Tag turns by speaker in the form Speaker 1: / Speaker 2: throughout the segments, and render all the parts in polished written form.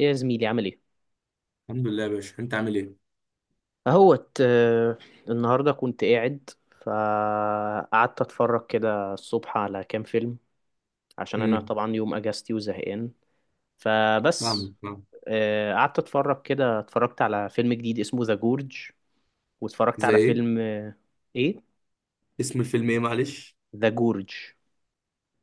Speaker 1: ايه يا زميلي، عامل ايه؟
Speaker 2: الحمد لله يا باشا، انت عامل ايه؟
Speaker 1: اهوت. النهارده كنت قاعد، فقعدت اتفرج كده الصبح على كام فيلم، عشان انا
Speaker 2: امم
Speaker 1: طبعا يوم اجازتي وزهقان. فبس.
Speaker 2: فاهم فاهم.
Speaker 1: قعدت اتفرج كده، اتفرجت على فيلم جديد اسمه ذا جورج، واتفرجت
Speaker 2: زي
Speaker 1: على
Speaker 2: ايه؟
Speaker 1: فيلم ايه؟
Speaker 2: اسم الفيلم ايه، معلش؟
Speaker 1: ذا جورج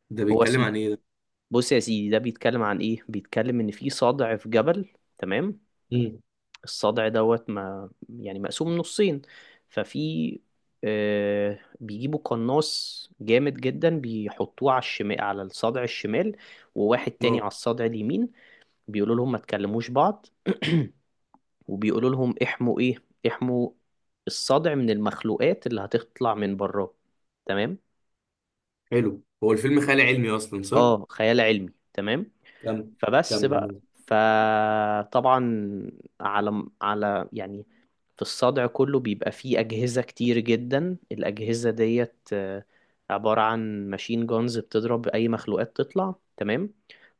Speaker 2: ده
Speaker 1: هو
Speaker 2: بيتكلم
Speaker 1: اسمه.
Speaker 2: عن ايه ده؟
Speaker 1: بص يا سيدي، ده بيتكلم عن ايه؟ بيتكلم ان في صدع في جبل، تمام.
Speaker 2: امم
Speaker 1: الصدع دوت ما يعني مقسوم نصين. ففي بيجيبوا قناص جامد جدا بيحطوه على الشمال على الصدع الشمال، وواحد تاني على
Speaker 2: اه.
Speaker 1: الصدع اليمين. بيقولوا لهم ما تكلموش بعض، وبيقولوا لهم احموا ايه؟ احموا الصدع من المخلوقات اللي هتطلع من براه، تمام.
Speaker 2: حلو، هو الفيلم خيال علمي اصلا، صح؟
Speaker 1: اه، خيال علمي، تمام.
Speaker 2: كمل.
Speaker 1: فبس
Speaker 2: كمل
Speaker 1: بقى.
Speaker 2: ماشي.
Speaker 1: فطبعا، على على يعني في الصدع كله بيبقى فيه أجهزة كتير جدا. الأجهزة ديت عبارة عن ماشين جونز، بتضرب أي مخلوقات تطلع، تمام.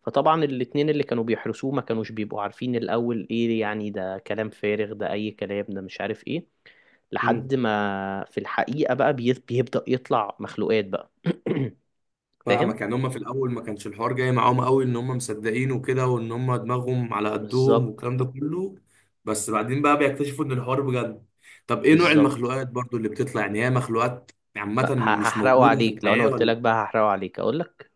Speaker 1: فطبعا الاتنين اللي كانوا بيحرسوه ما كانوش بيبقوا عارفين الأول إيه يعني، ده كلام فارغ ده، أي كلام ده، مش عارف إيه، لحد
Speaker 2: امم
Speaker 1: ما في الحقيقة بقى بيبدأ يطلع مخلوقات بقى. فاهم؟
Speaker 2: فاهمك، يعني هم في الاول ما كانش الحوار جاي معاهم قوي ان هم مصدقين وكده، وان هم دماغهم على قدهم
Speaker 1: بالظبط.
Speaker 2: والكلام ده كله. بس بعدين بقى بيكتشفوا ان الحوار بجد. طب ايه نوع
Speaker 1: بالظبط
Speaker 2: المخلوقات برضو اللي بتطلع، يعني هي مخلوقات
Speaker 1: بقى
Speaker 2: عامة مش
Speaker 1: هحرقه
Speaker 2: موجودة في
Speaker 1: عليك. لو انا قلت
Speaker 2: الحياة؟
Speaker 1: لك بقى هحرقه عليك، اقول لك؟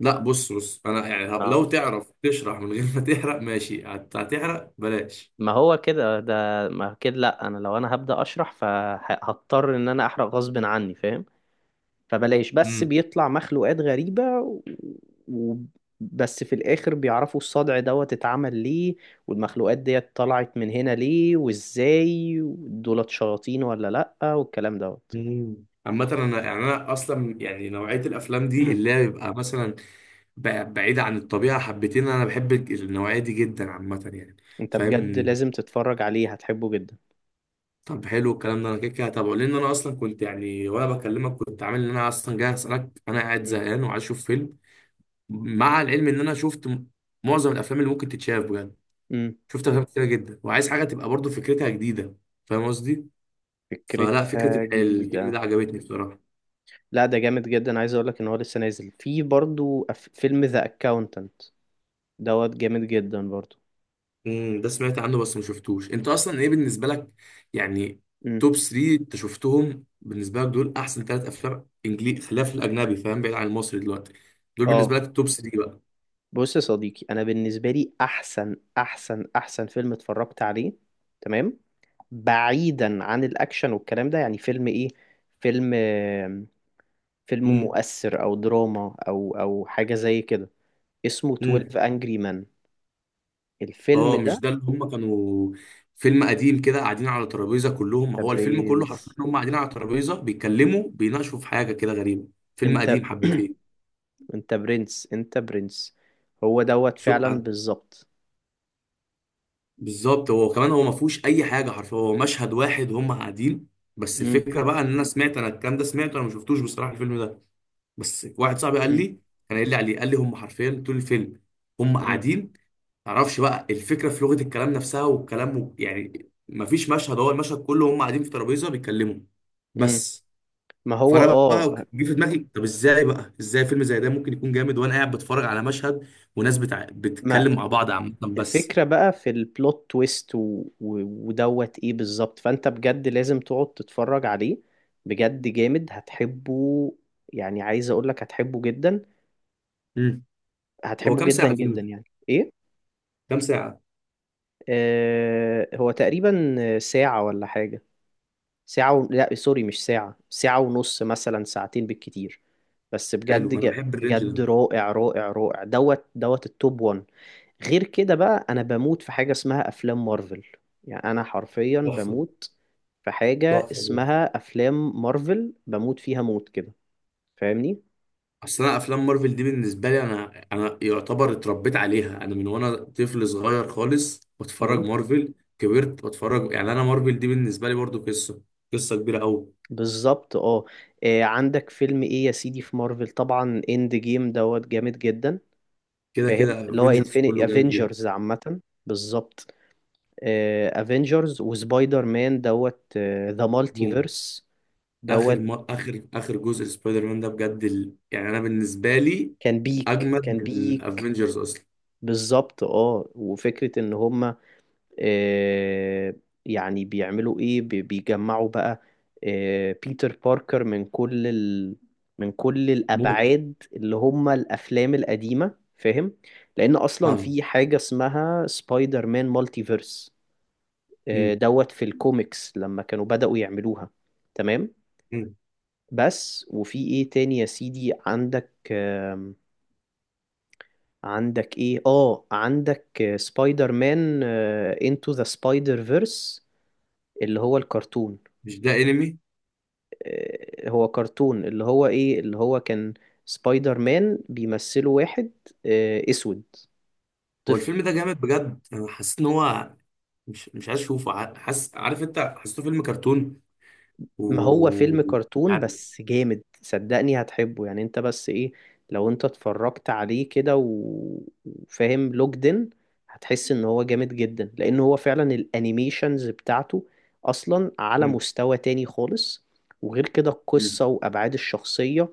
Speaker 2: لا، بص بص، انا يعني
Speaker 1: اه،
Speaker 2: لو تعرف تشرح من غير ما تحرق ماشي، هتحرق بلاش.
Speaker 1: ما هو كده ده، ما كده لا. انا لو انا هبدأ اشرح فهضطر ان انا احرق غصب عني، فاهم؟ فبلاش، بس
Speaker 2: امم
Speaker 1: بيطلع مخلوقات غريبة. و... بس في الاخر بيعرفوا الصدع دوت اتعمل ليه، والمخلوقات ديت طلعت من هنا ليه وازاي، دولت شياطين ولا لا، والكلام دوت.
Speaker 2: مم. عامة انا يعني انا اصلا يعني نوعية الافلام دي اللي هي بيبقى مثلا بعيدة عن الطبيعة حبتين، انا بحب النوعية دي جدا عامة يعني،
Speaker 1: انت بجد
Speaker 2: فاهم.
Speaker 1: لازم تتفرج عليه، هتحبه جدا.
Speaker 2: طب حلو الكلام ده، انا كده كده هتابعه، لان انا اصلا كنت يعني وانا بكلمك كنت عامل ان انا اصلا جاي اسالك، انا قاعد
Speaker 1: مم.
Speaker 2: زهقان وعايز اشوف فيلم. مع العلم ان انا شفت معظم الافلام اللي ممكن تتشاف بجد،
Speaker 1: امم.
Speaker 2: شفت افلام كتيره جدا، وعايز حاجه تبقى برضو فكرتها جديده، فاهم قصدي. فلا، فكره
Speaker 1: فكرتها
Speaker 2: الفيلم
Speaker 1: جديدة.
Speaker 2: ده عجبتني بصراحه.
Speaker 1: لا، ده جامد جدا. عايز اقول لك ان هو لسه نازل في برضو فيلم ذا اكاونتنت دوت، جامد جدا برضو.
Speaker 2: ده سمعت عنه بس ما شفتوش. انت اصلا ايه بالنسبه لك يعني؟
Speaker 1: امم.
Speaker 2: توب 3 انت شفتهم بالنسبه لك، دول احسن ثلاث افلام انجليزي خلاف في الاجنبي فاهم، بعيد عن المصري دلوقتي، دول بالنسبه
Speaker 1: اه،
Speaker 2: لك التوب 3 بقى؟
Speaker 1: بص يا صديقي، انا بالنسبه لي احسن احسن احسن فيلم اتفرجت عليه، تمام، بعيدا عن الاكشن والكلام ده، يعني فيلم ايه؟ فيلم، فيلم
Speaker 2: امم
Speaker 1: مؤثر او دراما او او حاجه زي كده، اسمه
Speaker 2: امم
Speaker 1: 12 انجري مان، الفيلم
Speaker 2: اه.
Speaker 1: ده.
Speaker 2: مش ده اللي هم كانوا، فيلم قديم كده قاعدين على ترابيزه كلهم،
Speaker 1: انت
Speaker 2: هو الفيلم كله حرفيا
Speaker 1: برنس،
Speaker 2: هم قاعدين على ترابيزه بيتكلموا بيناقشوا في حاجه كده غريبه، فيلم
Speaker 1: انت
Speaker 2: قديم حبتين؟
Speaker 1: انت برنس، انت برنس. هو دوت
Speaker 2: شو.
Speaker 1: فعلا، بالظبط.
Speaker 2: بالظبط، هو كمان هو ما فيهوش اي حاجه، حرفيا هو مشهد واحد وهم قاعدين. بس الفكره بقى ان انا سمعت، انا الكلام ده سمعته، انا ما شفتوش بصراحه الفيلم ده، بس واحد صاحبي قال
Speaker 1: مم.
Speaker 2: لي، كان قايل لي عليه، قال لي هم حرفيا طول الفيلم هم
Speaker 1: مم.
Speaker 2: قاعدين. معرفش بقى الفكره في لغه الكلام نفسها والكلام يعني ما فيش مشهد، هو المشهد كله هم قاعدين في ترابيزه بيتكلموا
Speaker 1: مم.
Speaker 2: بس.
Speaker 1: ما هو
Speaker 2: فانا
Speaker 1: اه.
Speaker 2: بقى جه في دماغي طب ازاي بقى، ازاي فيلم زي ده ممكن يكون جامد وانا قاعد بتفرج على مشهد وناس
Speaker 1: ما
Speaker 2: بتتكلم مع بعض عامه بس.
Speaker 1: الفكرة بقى في البلوت تويست، و... و... ودوت ايه بالظبط. فانت بجد لازم تقعد تتفرج عليه، بجد جامد، هتحبه. يعني عايز اقولك هتحبه جدا،
Speaker 2: مم. هو
Speaker 1: هتحبه
Speaker 2: كام
Speaker 1: جدا
Speaker 2: ساعه الفيلم؟
Speaker 1: جدا، يعني ايه.
Speaker 2: كام ساعة؟
Speaker 1: آه، هو تقريبا ساعة ولا حاجة، ساعة، و... لا سوري، مش ساعة، ساعة ونص، مثلا ساعتين بالكتير. بس بجد،
Speaker 2: حلو، أنا
Speaker 1: ج...
Speaker 2: بحب الرينج
Speaker 1: بجد
Speaker 2: ده.
Speaker 1: رائع رائع رائع، دوت دوت التوب 1. غير كده بقى، انا بموت في حاجه اسمها افلام مارفل، يعني انا حرفيا
Speaker 2: تحفة.
Speaker 1: بموت في حاجه
Speaker 2: تحفة بجد.
Speaker 1: اسمها افلام مارفل، بموت فيها موت كده، فاهمني.
Speaker 2: أصل أنا أفلام مارفل دي بالنسبة لي، أنا يعتبر اتربيت عليها، أنا من وأنا طفل صغير خالص بتفرج
Speaker 1: امم.
Speaker 2: مارفل، كبرت بتفرج، يعني أنا مارفل دي بالنسبة لي برضو قصة، قصة كبيرة أوي.
Speaker 1: بالظبط اه. عندك فيلم ايه يا سيدي في مارفل؟ طبعا اند جيم دوت جامد جدا،
Speaker 2: كده
Speaker 1: فاهم
Speaker 2: كده
Speaker 1: اللي هو
Speaker 2: افنجرز
Speaker 1: انفيني
Speaker 2: كله جامد جدا.
Speaker 1: افنجرز عامه. بالظبط، افنجرز وسبايدر مان دوت ذا
Speaker 2: بوم.
Speaker 1: مالتيفيرس
Speaker 2: آخر
Speaker 1: دوت،
Speaker 2: ما... آخر جزء سبايدر مان ده بجد يعني أنا بالنسبة لي
Speaker 1: كان بيك كان
Speaker 2: أجمد من
Speaker 1: بيك.
Speaker 2: افنجرز أصلا.
Speaker 1: بالظبط اه، وفكرة ان هم آه، يعني بيعملوا ايه، بيجمعوا بقى بيتر باركر من كل ال... من كل
Speaker 2: موت.
Speaker 1: الابعاد اللي هم الافلام القديمه، فاهم؟ لان اصلا
Speaker 2: فاهم.
Speaker 1: في حاجه اسمها سبايدر مان مالتيفيرس
Speaker 2: مم.
Speaker 1: دوت، في الكوميكس لما كانوا بدأوا يعملوها، تمام.
Speaker 2: مم.
Speaker 1: بس وفي ايه تاني يا سيدي؟ عندك عندك ايه؟ اه عندك سبايدر مان انتو ذا سبايدر فيرس، اللي هو الكرتون.
Speaker 2: مش ده انمي؟
Speaker 1: هو كرتون، اللي هو ايه، اللي هو كان سبايدر مان بيمثله واحد اسود،
Speaker 2: هو
Speaker 1: طفل.
Speaker 2: الفيلم ده جامد بجد، انا حسيت ان هو مش عايز اشوفه، حاسس، عارف انت حسيته فيلم كرتون.
Speaker 1: ما هو
Speaker 2: و...
Speaker 1: فيلم كرتون،
Speaker 2: عارف-
Speaker 1: بس جامد، صدقني هتحبه. يعني انت بس ايه، لو انت اتفرجت عليه كده وفاهم لوجدن، هتحس ان هو جامد جدا، لان هو فعلا الانيميشنز بتاعته اصلا على
Speaker 2: مم.
Speaker 1: مستوى تاني خالص. وغير كده
Speaker 2: مم.
Speaker 1: القصة وابعاد الشخصية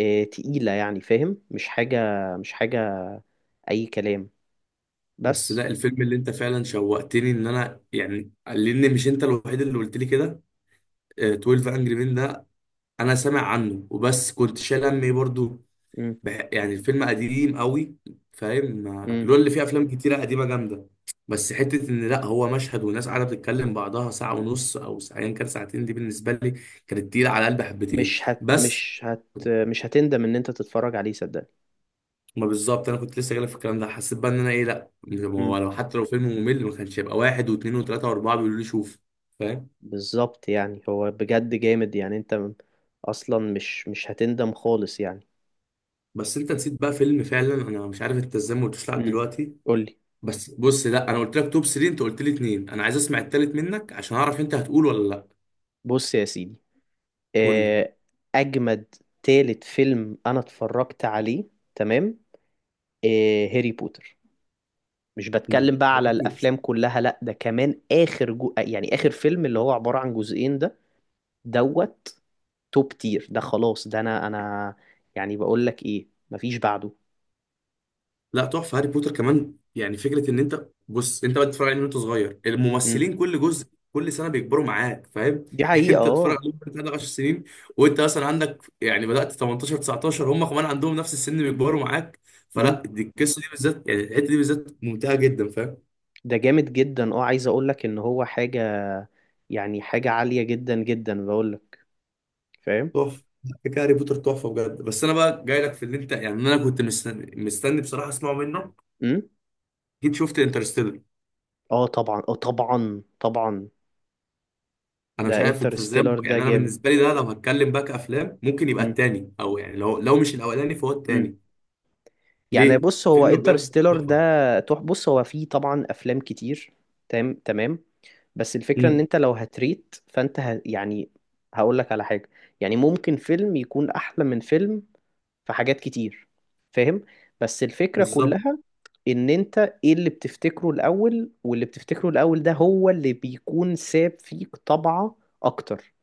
Speaker 1: تقيلة، يعني فاهم؟ مش حاجة، مش حاجة اي كلام،
Speaker 2: بس
Speaker 1: بس.
Speaker 2: لا، الفيلم اللي انت فعلا شوقتني ان انا يعني، لان مش انت الوحيد اللي قلت لي كده، 12 انجري مان ده، انا سامع عنه وبس، كنت شايل همي برضو.
Speaker 1: مم.
Speaker 2: يعني الفيلم قديم قوي، فاهم
Speaker 1: مم.
Speaker 2: اللي هو اللي فيه افلام كتيره قديمه جامده. بس حته ان لا هو مشهد والناس قاعده بتتكلم بعضها ساعه ونص او ساعتين، كان ساعتين دي بالنسبه لي كانت تقيله على قلبي حبتين.
Speaker 1: مش هت
Speaker 2: بس.
Speaker 1: مش هت مش هتندم ان انت تتفرج عليه، صدقني.
Speaker 2: ما بالظبط انا كنت لسه جايلك في الكلام ده، حسيت بقى ان انا ايه، لا ما
Speaker 1: مم.
Speaker 2: هو لو حتى لو فيلم ممل ما كانش هيبقى واحد واثنين وثلاثه واربعه بيقولوا لي شوف، فاهم.
Speaker 1: بالظبط، يعني هو بجد جامد. يعني انت، م- اصلا مش هتندم خالص يعني.
Speaker 2: بس انت نسيت بقى فيلم، فعلا انا مش عارف انت ازاي ما قلتوش لحد
Speaker 1: مم.
Speaker 2: دلوقتي.
Speaker 1: قولي.
Speaker 2: بس بص، لا انا قلت لك توب 3، انت قلت لي اثنين، انا عايز اسمع التالت منك عشان اعرف انت هتقول ولا لا.
Speaker 1: بص يا سيدي،
Speaker 2: قول لي.
Speaker 1: آه، اجمد تالت فيلم انا اتفرجت عليه، تمام، هاري بوتر. مش
Speaker 2: مم.
Speaker 1: بتكلم بقى
Speaker 2: ما
Speaker 1: على
Speaker 2: قلتوش.
Speaker 1: الافلام كلها، لا ده كمان اخر، جو... يعني اخر فيلم، اللي هو عبارة عن جزئين ده، دوت توب تير، ده خلاص. ده انا انا، يعني بقول لك ايه، مفيش بعده.
Speaker 2: لا تحفه، هاري بوتر كمان، يعني فكره ان انت بص، انت بقى بتتفرج عليه من وانت صغير،
Speaker 1: امم.
Speaker 2: الممثلين كل جزء، كل سنه بيكبروا معاك، فاهم.
Speaker 1: دي
Speaker 2: يعني
Speaker 1: حقيقة
Speaker 2: انت تتفرج
Speaker 1: اه.
Speaker 2: عليهم وانت عندك 10 سنين، وانت مثلا عندك يعني بدات 18 19 هم كمان عندهم نفس السن، بيكبروا معاك.
Speaker 1: امم.
Speaker 2: فلا دي القصه دي بالذات، يعني الحته دي بالذات ممتعه جدا، فاهم.
Speaker 1: ده جامد جدا اه، عايز اقول لك ان هو حاجة، يعني حاجة عالية جدا جدا، بقول لك فاهم.
Speaker 2: تحفه. فكره هاري بوتر تحفه بجد. بس انا بقى جاي لك في اللي انت يعني، انا كنت مستني مستني بصراحه اسمعه منه،
Speaker 1: امم.
Speaker 2: جيت شفت انترستيلر.
Speaker 1: اه طبعا، اه طبعا طبعا.
Speaker 2: انا
Speaker 1: ده
Speaker 2: مش عارف انت ازاي
Speaker 1: انترستيلر ده
Speaker 2: يعني انا
Speaker 1: جامد.
Speaker 2: بالنسبه لي ده، لو هتكلم بقى كافلام ممكن يبقى
Speaker 1: امم.
Speaker 2: التاني، او يعني لو مش الاولاني فهو
Speaker 1: امم.
Speaker 2: التاني.
Speaker 1: يعني
Speaker 2: ليه؟
Speaker 1: بص هو
Speaker 2: فيلم بجد
Speaker 1: انترستيلر
Speaker 2: تحفه.
Speaker 1: ده، تح بص هو فيه طبعا افلام كتير، تمام تمام. بس الفكرة ان
Speaker 2: امم.
Speaker 1: انت لو هتريت، فانت ه... يعني هقول لك على حاجة، يعني ممكن فيلم يكون احلى من فيلم في حاجات كتير، فاهم. بس الفكرة
Speaker 2: بالظبط
Speaker 1: كلها ان انت ايه اللي بتفتكره الاول؟ واللي بتفتكره الاول ده هو اللي بيكون ساب فيك طبعة اكتر،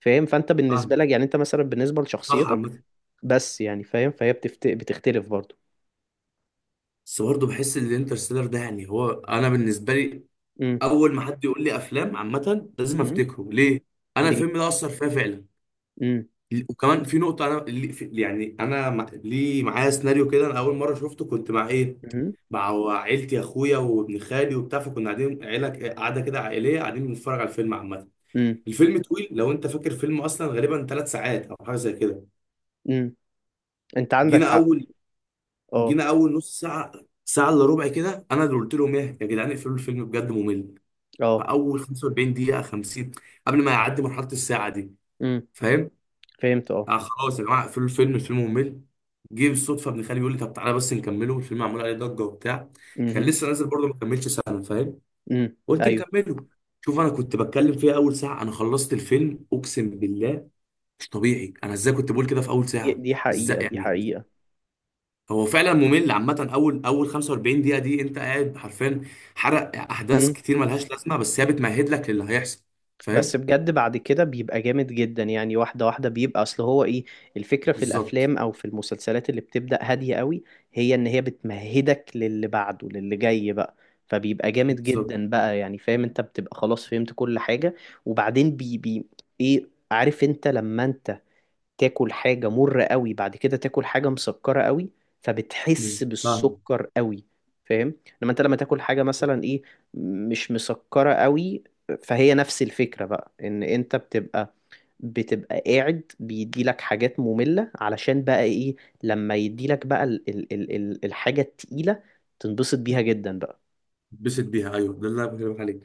Speaker 1: فاهم. فانت بالنسبة
Speaker 2: فاهم.
Speaker 1: لك، يعني انت مثلا بالنسبة
Speaker 2: صح
Speaker 1: لشخصيتك.
Speaker 2: عامه.
Speaker 1: بس يعني فاهم، فهي بتفت... بتختلف برضو.
Speaker 2: بس برضه بحس ان الانترستيلر ده، يعني هو انا بالنسبه لي
Speaker 1: امم.
Speaker 2: اول ما حد يقول لي افلام عامه لازم
Speaker 1: امم.
Speaker 2: افتكره. ليه؟ انا
Speaker 1: ليه؟
Speaker 2: الفيلم ده اثر فيا فعلا،
Speaker 1: امم.
Speaker 2: وكمان في نقطه، انا يعني انا ليه معايا سيناريو كده، انا اول مره شفته كنت مع ايه،
Speaker 1: امم.
Speaker 2: مع عيلتي، اخويا وابن خالي وبتاع، فكنا قاعدين عيله قاعده كده عائليه قاعدين بنتفرج على الفيلم عامه. الفيلم طويل لو انت فاكر، فيلم اصلا غالبا ثلاث ساعات او حاجه زي كده.
Speaker 1: امم. انت عندك
Speaker 2: جينا
Speaker 1: حق.
Speaker 2: اول
Speaker 1: اه.
Speaker 2: جينا اول نص ساعه، ساعه الا ربع كده، انا اللي قلت لهم ايه يا جدعان اقفلوا الفيلم بجد ممل،
Speaker 1: اه.
Speaker 2: فاول 45 دقيقه، 50، قبل ما يعدي مرحله الساعه دي،
Speaker 1: امم.
Speaker 2: فاهم.
Speaker 1: فهمت اه.
Speaker 2: آه خلاص يا جماعه اقفلوا الفيلم، الفيلم ممل. جه بالصدفه ابن خالي بيقول لي طب تعالى بس نكمله، الفيلم معمول عليه ضجه وبتاع، كان
Speaker 1: امم.
Speaker 2: لسه نازل برضه ما كملش سنه، فاهم.
Speaker 1: امم.
Speaker 2: قلت
Speaker 1: ايوه.
Speaker 2: نكمله. شوف، انا كنت بتكلم فيها اول ساعه، انا خلصت الفيلم اقسم بالله مش طبيعي انا ازاي كنت بقول كده في اول
Speaker 1: دي
Speaker 2: ساعه،
Speaker 1: دي
Speaker 2: ازاي
Speaker 1: حقيقة، دي
Speaker 2: يعني.
Speaker 1: حقيقة.
Speaker 2: هو فعلا ممل عامه اول 45 دقيقه دي انت قاعد حرفيا، حرق احداث
Speaker 1: امم.
Speaker 2: كتير ملهاش لازمه بس هي بتمهد لك للي هيحصل،
Speaker 1: بس
Speaker 2: فاهم.
Speaker 1: بجد بعد كده بيبقى جامد جدا، يعني واحدة واحدة بيبقى. اصل هو ايه الفكرة في
Speaker 2: بالظبط.
Speaker 1: الافلام او في المسلسلات اللي بتبدأ هادية قوي؟ هي ان هي بتمهدك للي بعده، للي جاي بقى. فبيبقى جامد
Speaker 2: بالظبط.
Speaker 1: جدا بقى، يعني فاهم، انت بتبقى خلاص فهمت كل حاجة. وبعدين بي بي ايه، عارف انت لما انت تاكل حاجة مرة قوي، بعد كده تاكل حاجة مسكرة قوي، فبتحس
Speaker 2: بالظبط فاهم.
Speaker 1: بالسكر قوي، فاهم. لما انت لما تاكل حاجة مثلا ايه، مش مسكرة قوي، فهي نفس الفكرة بقى ان انت بتبقى قاعد بيديلك حاجات مملة علشان بقى ايه، لما يديلك بقى ال ال ال ال الحاجة التقيلة تنبسط بيها جدا بقى.
Speaker 2: بسط بيها ايوه، ده اللي انا بكلمك عليه،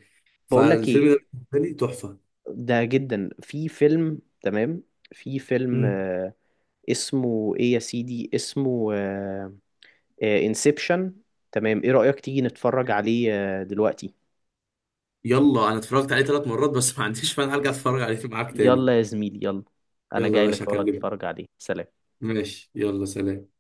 Speaker 1: بقولك
Speaker 2: فالفيلم
Speaker 1: ايه،
Speaker 2: ده بالنسبه لي تحفه.
Speaker 1: ده جدا في فيلم، تمام، في فيلم
Speaker 2: مم.
Speaker 1: اسمه ايه يا سيدي؟ اسمه انسبشن، تمام. ايه رأيك تيجي نتفرج عليه دلوقتي؟
Speaker 2: يلا، انا اتفرجت عليه ثلاث مرات بس، ما عنديش فن هرجع اتفرج عليه معاك تاني.
Speaker 1: يلا يا زميلي يلا، انا
Speaker 2: يلا يا
Speaker 1: جاي
Speaker 2: باشا
Speaker 1: لك اهو،
Speaker 2: اكلمك.
Speaker 1: اتفرج عليه، سلام.
Speaker 2: ماشي، يلا سلام.